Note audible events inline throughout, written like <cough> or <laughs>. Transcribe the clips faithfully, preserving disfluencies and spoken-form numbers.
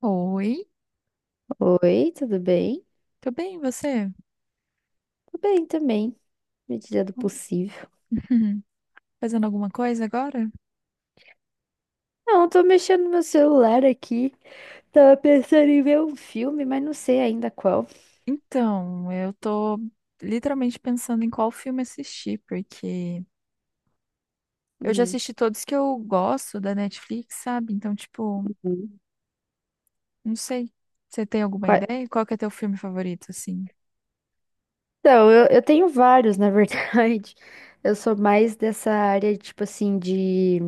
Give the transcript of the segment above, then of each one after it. Oi, Oi, tudo bem? tudo bem, e você? Tudo bem também, Que medida do bom. possível. <laughs> Fazendo alguma coisa agora? Não, eu tô mexendo no meu celular aqui. Tava pensando em ver um filme, mas não sei ainda qual. Então, eu tô literalmente pensando em qual filme assistir, porque eu já Uhum. assisti todos que eu gosto da Netflix, sabe? Então, tipo, não sei. Você tem alguma Qua- ideia? Qual que é teu filme favorito, assim? Então, eu, eu tenho vários, na verdade. <laughs> Eu sou mais dessa área, tipo assim, de,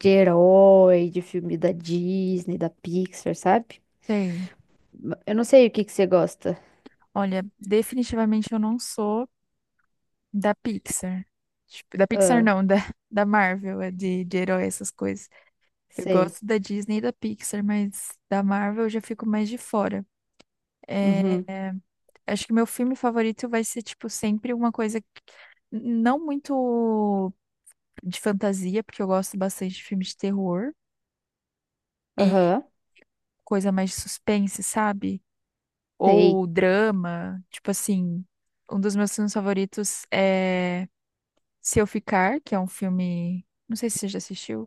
de herói, de filme da Disney, da Pixar, sabe? Sei. Eu não sei o que que você gosta. Olha, definitivamente eu não sou da Pixar. Tipo, da Pixar Ah, não, <laughs> da, da Marvel, é de, de herói, essas coisas. Eu sei. gosto da Disney e da Pixar, mas da Marvel eu já fico mais de fora. É, Uhum. acho que meu filme favorito vai ser, tipo, sempre uma coisa que- não muito de fantasia, porque eu gosto bastante de filme de terror e Aham. coisa mais de suspense, sabe? Sei. Ou drama, tipo assim, um dos meus filmes favoritos é Se Eu Ficar, que é um filme, não sei se você já assistiu.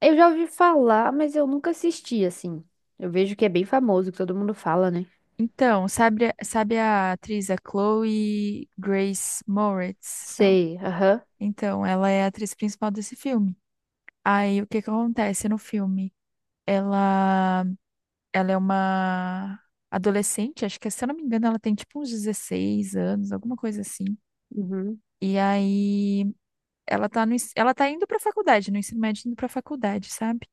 Eu já ouvi falar, mas eu nunca assisti, assim. Eu vejo que é bem famoso, que todo mundo fala, né? Então, sabe, sabe a atriz, a Chloe Grace Moretz? Sei, aham. Então, ela é a atriz principal desse filme. Aí, o que que acontece no filme? Ela, ela é uma adolescente, acho que, se eu não me engano, ela tem tipo uns dezesseis anos, alguma coisa assim. Uhum, E aí, ela tá no, ens- ela tá indo pra faculdade, no ensino médio, indo pra faculdade, sabe?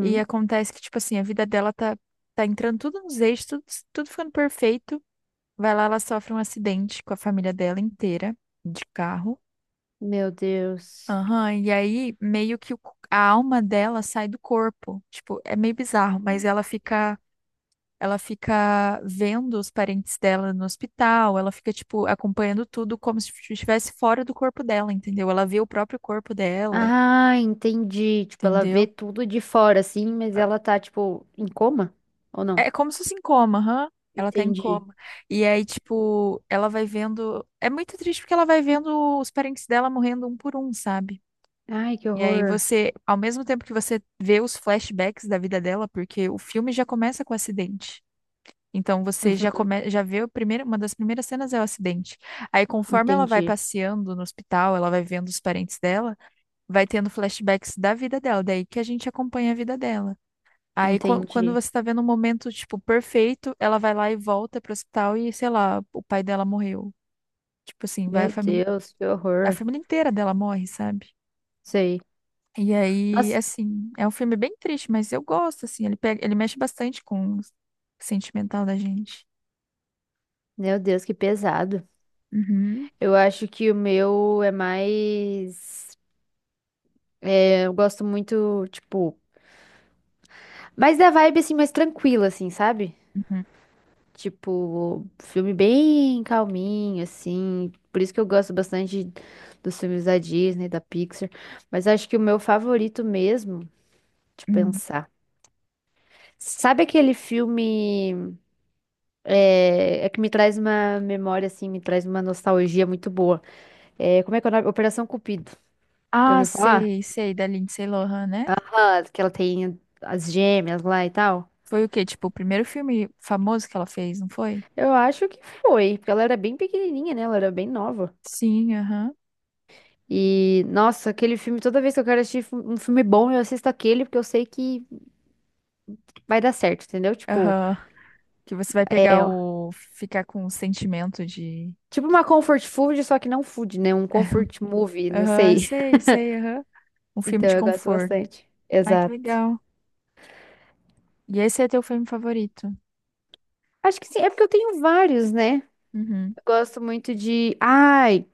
E acontece que, tipo assim, a vida dela tá, tá entrando tudo nos eixos, tudo, tudo ficando perfeito. Vai lá, ela sofre um acidente com a família dela inteira, de carro. Meu Deus. Aham, e aí meio que o c- a alma dela sai do corpo. Tipo, é meio bizarro, mas ela fica, ela fica vendo os parentes dela no hospital, ela fica, tipo, acompanhando tudo como se estivesse fora do corpo dela, entendeu? Ela vê o próprio corpo dela, Ah, entendi. Tipo, ela vê entendeu? tudo de fora, assim, mas Ah, ela tá, tipo, em coma? Ou É não? é como se fosse em coma, aham. Ela tá em Entendi. coma. E aí, tipo, ela vai vendo. É muito triste porque ela vai vendo os parentes dela morrendo um por um, sabe? Ai, que E aí horror. você, ao mesmo tempo que você vê os flashbacks da vida dela, porque o filme já começa com o acidente. Então você já Uhum, come, já vê o primeiro, uma das primeiras cenas é o acidente. Aí conforme ela vai entendi, passeando no hospital, ela vai vendo os parentes dela, vai tendo flashbacks da vida dela, daí que a gente acompanha a vida dela. Aí qu- quando entendi. você tá vendo um momento tipo perfeito, ela vai lá e volta pro hospital e sei lá, o pai dela morreu. Tipo assim, vai a Meu família, Deus, que a horror. família inteira dela morre, sabe? Sei. E aí, Nossa, assim, é um filme bem triste, mas eu gosto, assim, ele pega, ele mexe bastante com o sentimental da gente. meu Deus, que pesado. Uhum. Eu acho que o meu é mais. É, eu gosto muito, tipo. Mas da vibe, assim, mais tranquila, assim, sabe? Uhum, Tipo, filme bem calminho, assim. Por isso que eu gosto bastante dos filmes da Disney, da Pixar. Mas acho que o meu favorito mesmo, de uhum. pensar. Sabe aquele filme é, é que me traz uma memória, assim, me traz uma nostalgia muito boa? É, como é que é o nome? Operação Cupido. Já Ah, ouviu falar? sei, sei, da Lindsay Lohan, né? Ah, que ela tem as gêmeas lá e tal. Foi o quê? Tipo, o primeiro filme famoso que ela fez, não foi? Eu acho que foi, porque ela era bem pequenininha, né? Ela era bem nova. Sim, aham. E, nossa, aquele filme, toda vez que eu quero assistir fi- um filme bom, eu assisto aquele, porque eu sei que vai dar certo, entendeu? Tipo, Aham. Que você vai pegar é, ó, o. Ficar com o sentimento de. tipo uma <laughs> comfort food, só que não food, né? Um comfort movie, não Aham, sei. <laughs> sei, sei, aham. Um filme Então, de eu gosto conforto. bastante. Ai, que Exato. legal. E esse é teu filme favorito? Acho que sim, é porque eu tenho vários, né? Uhum. Eu gosto muito de. Ai,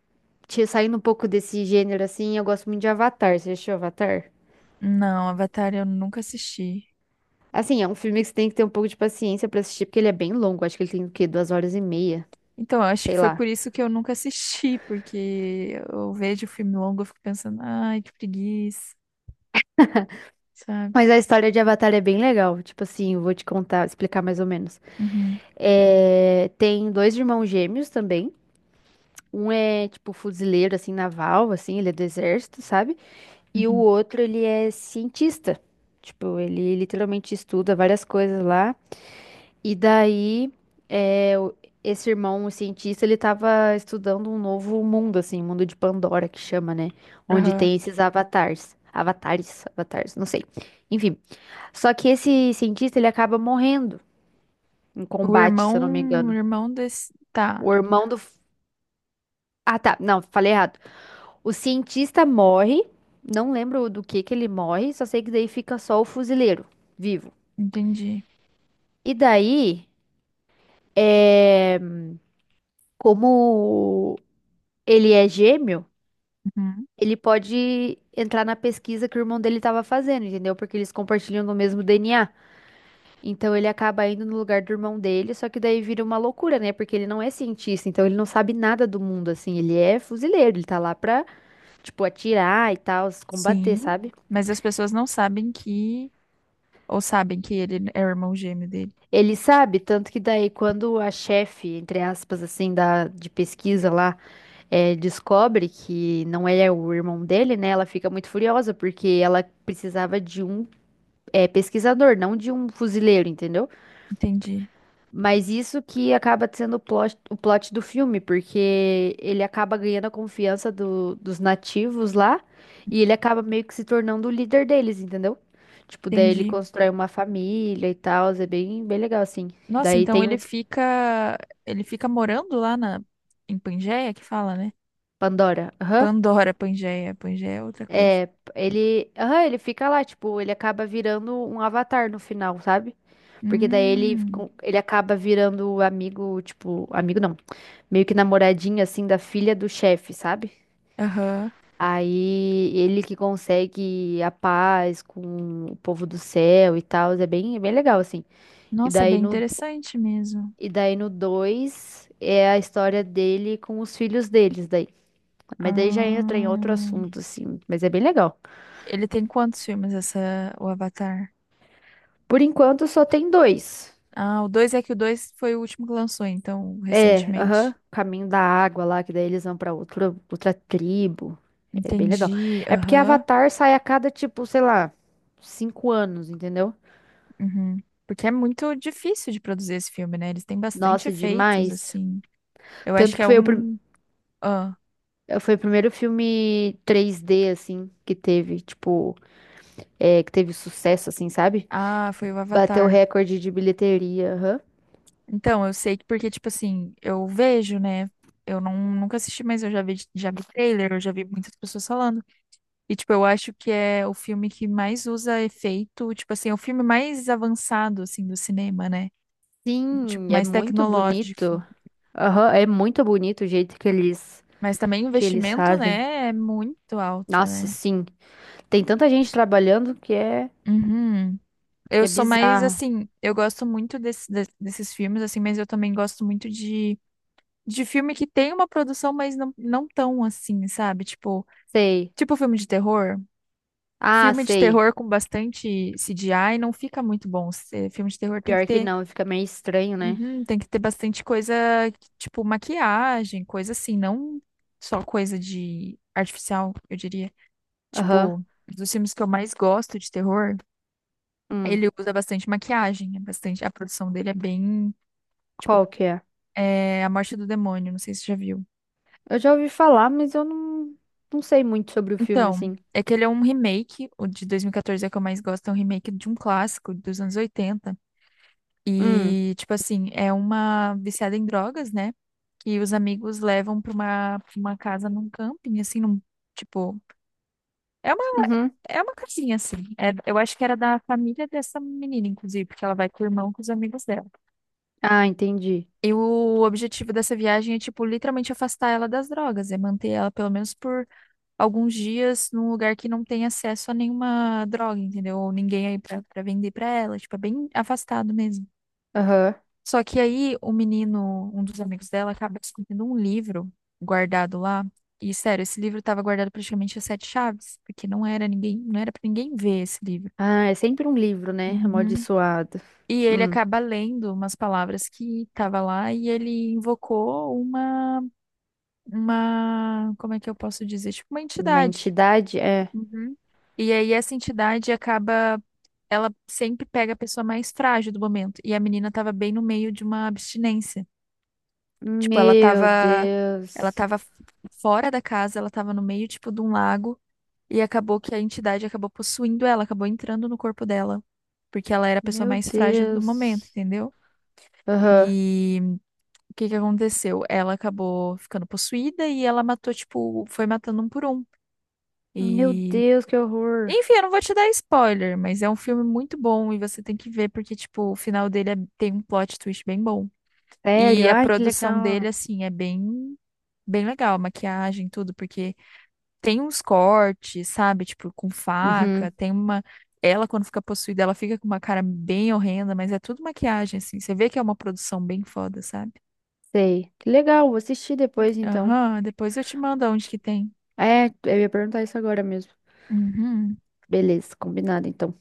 te- saindo um pouco desse gênero assim, eu gosto muito de Avatar. Você já assistiu Avatar? Não, Avatar eu nunca assisti. Assim, é um filme que você tem que ter um pouco de paciência pra assistir, porque ele é bem longo. Acho que ele tem o quê? Duas horas e meia, Então, eu acho que sei foi lá. por isso que eu nunca assisti, <laughs> porque eu vejo filme longo, eu fico pensando, ai, que preguiça, sabe? Mas a história de Avatar é bem legal. Tipo assim, eu vou te contar, explicar mais ou menos. Uhum, É, tem dois irmãos gêmeos também. Um é, tipo, fuzileiro, assim, naval, assim, ele é do exército, sabe? E o uhum, outro, ele é cientista. Tipo, ele literalmente estuda várias coisas lá. E daí, é, o- esse irmão, o cientista, ele tava estudando um novo mundo, assim, mundo de Pandora, que chama, né? Onde aham. tem esses avatares. Avatares, avatares, não sei. Enfim. Só que esse cientista, ele acaba morrendo em O combate, se eu não me irmão, o engano. irmão desse. Tá, O irmão do... Ah, tá. Não, falei errado. O cientista morre, não lembro do que que ele morre, só sei que daí fica só o fuzileiro vivo. entendi. E daí, é... como ele é gêmeo, Uhum, ele pode entrar na pesquisa que o irmão dele estava fazendo, entendeu? Porque eles compartilham do mesmo D N A. Então ele acaba indo no lugar do irmão dele, só que daí vira uma loucura, né? Porque ele não é cientista, então ele não sabe nada do mundo, assim. Ele é fuzileiro, ele tá lá pra, tipo, atirar e tal, se combater, Sim, sabe? mas as pessoas não sabem que. Ou sabem que ele é o irmão gêmeo dele. Ele sabe, tanto que daí quando a chefe, entre aspas, assim, da, de pesquisa lá, eh, descobre que não é o irmão dele, né? Ela fica muito furiosa, porque ela precisava de um, eh, pesquisador, não de um fuzileiro, entendeu? Entendi, Mas isso que acaba sendo o plot, o plot do filme, porque ele acaba ganhando a confiança do- dos nativos lá e ele acaba meio que se tornando o líder deles, entendeu? Tipo, daí ele entendi. constrói uma família e tal, é bem, bem legal assim. Nossa, Daí então tem ele o fica, ele fica morando lá na em Pangeia, que fala, né? Pandora. Aham. Pandora, Pangeia, Pangeia é outra coisa. É, ele, aham, ele fica lá, tipo, ele acaba virando um avatar no final, sabe? Porque daí ele, Hum, com- ele acaba virando amigo, tipo, amigo não, meio que namoradinho assim da filha do chefe, sabe? aham. Aí ele que consegue a paz com o povo do céu e tal, é bem, é bem legal assim. E Nossa, é daí bem no interessante mesmo. e daí no dois é a história dele com os filhos deles daí. Mas daí já entra em outro Ah, assunto assim, mas é bem legal. ele tem quantos filmes essa o Avatar? Por enquanto só tem dois. Ah, o dois é que o dois foi o último que lançou, então, É, aham, recentemente. Caminho da Água lá, que daí eles vão pra outra outra tribo. É bem legal. Entendi, É porque aham. Avatar sai a cada tipo, sei lá, cinco anos, entendeu? Uhum. Porque é muito difícil de produzir esse filme, né? Eles têm bastante Nossa, efeitos, demais. assim. Eu acho Tanto que que é foi o primeiro. um Ah, Foi o primeiro filme três D, assim, que teve, tipo, é, que teve sucesso, assim, sabe? ah, foi o Bateu o Avatar. recorde de bilheteria, aham. Então, eu sei que porque, tipo assim, eu vejo, né? Eu não, nunca assisti, mas eu já vi, já vi trailer, eu já vi muitas pessoas falando. E, tipo, eu acho que é o filme que mais usa efeito, tipo assim, é o filme mais avançado, assim, do cinema, né? Tipo, Sim, é mais muito tecnológico. bonito. Aham, é muito bonito o jeito que eles, Mas também o que eles investimento, fazem. né, é muito alto, Nossa, né? sim. Tem tanta gente trabalhando que é, Uhum. que Eu é sou mais, bizarro. assim, eu gosto muito desse, de- desses filmes, assim, mas eu também gosto muito de de filme que tem uma produção, mas não, não tão assim, sabe? Tipo, Sei. tipo filme de terror. Ah, Filme de sei. terror com bastante C G I não fica muito bom. Se- Filme de terror tem que Pior que ter, não, fica meio estranho, né? uhum, tem que ter bastante coisa, tipo maquiagem, coisa assim, não só coisa de artificial, eu diria. Aham. Tipo, dos filmes que eu mais gosto de terror, Hum, ele usa bastante maquiagem, é bastante, a produção dele é bem, tipo, qual que é? é, A Morte do Demônio, não sei se você já viu. Eu já ouvi falar, mas eu não, não sei muito sobre o filme, Então, assim. é que ele é um remake, o de dois mil e quatorze é que eu mais gosto, é um remake de um clássico dos anos oitenta. Hum. E, tipo assim, é uma viciada em drogas, né? Que os amigos levam pra uma, pra uma casa num camping, assim, num, tipo, é uma, Uhum. é uma casinha, assim. É- eu acho que era da família dessa menina, inclusive, porque ela vai com o irmão, com os amigos dela. Ah, entendi. E o objetivo dessa viagem é, tipo, literalmente afastar ela das drogas, é manter ela pelo menos por alguns dias num lugar que não tem acesso a nenhuma droga, entendeu? Ou ninguém aí pra, pra vender pra ela, tipo, é bem afastado mesmo. Aham. Só que aí o menino, um dos amigos dela, acaba escondendo um livro guardado lá. E sério, esse livro estava guardado praticamente a sete chaves, porque não era ninguém, não era para ninguém ver esse livro. Ah, é sempre um livro, né? Uhum. Amaldiçoado. E ele Hum. acaba lendo umas palavras que estava lá e ele invocou uma, uma, como é que eu posso dizer? Tipo, uma Uma entidade. entidade? É. Uhum. E aí essa entidade acaba, ela sempre pega a pessoa mais frágil do momento. E a menina tava bem no meio de uma abstinência. Tipo, ela Meu tava, ela Deus. tava f- fora da casa, ela tava no meio, tipo, de um lago. E acabou que a entidade acabou possuindo ela, acabou entrando no corpo dela. Porque ela era a pessoa Meu mais frágil do momento, Deus. entendeu? Aham. E o que que aconteceu? Ela acabou ficando possuída e ela matou, tipo, foi matando um por um. Meu e Deus, que horror. Enfim, eu não vou te dar spoiler, mas é um filme muito bom e você tem que ver porque, tipo, o final dele é- tem um plot twist bem bom. Sério? E a Ai, que produção dele, legal. assim, é bem, bem legal, a maquiagem, tudo, porque tem uns cortes, sabe? Tipo, com faca, Uhum. tem uma. Ela, quando fica possuída, ela fica com uma cara bem horrenda, mas é tudo maquiagem, assim. Você vê que é uma produção bem foda, sabe? Sei. Que legal, vou assistir depois então. Aham, depois eu te mando onde que tem. É, eu ia perguntar isso agora mesmo. Uhum. Beleza, combinado então.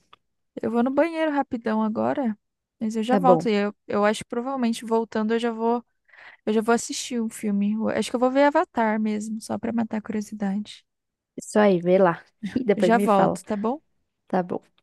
Eu vou no banheiro rapidão agora. Mas eu já Tá volto. bom. E eu, eu acho que provavelmente voltando eu já vou Eu já vou assistir um filme. Eu Acho que eu vou ver Avatar mesmo, só pra matar a curiosidade. Isso aí, vê lá. <laughs> E Eu depois já me fala. volto, tá bom? Tá bom.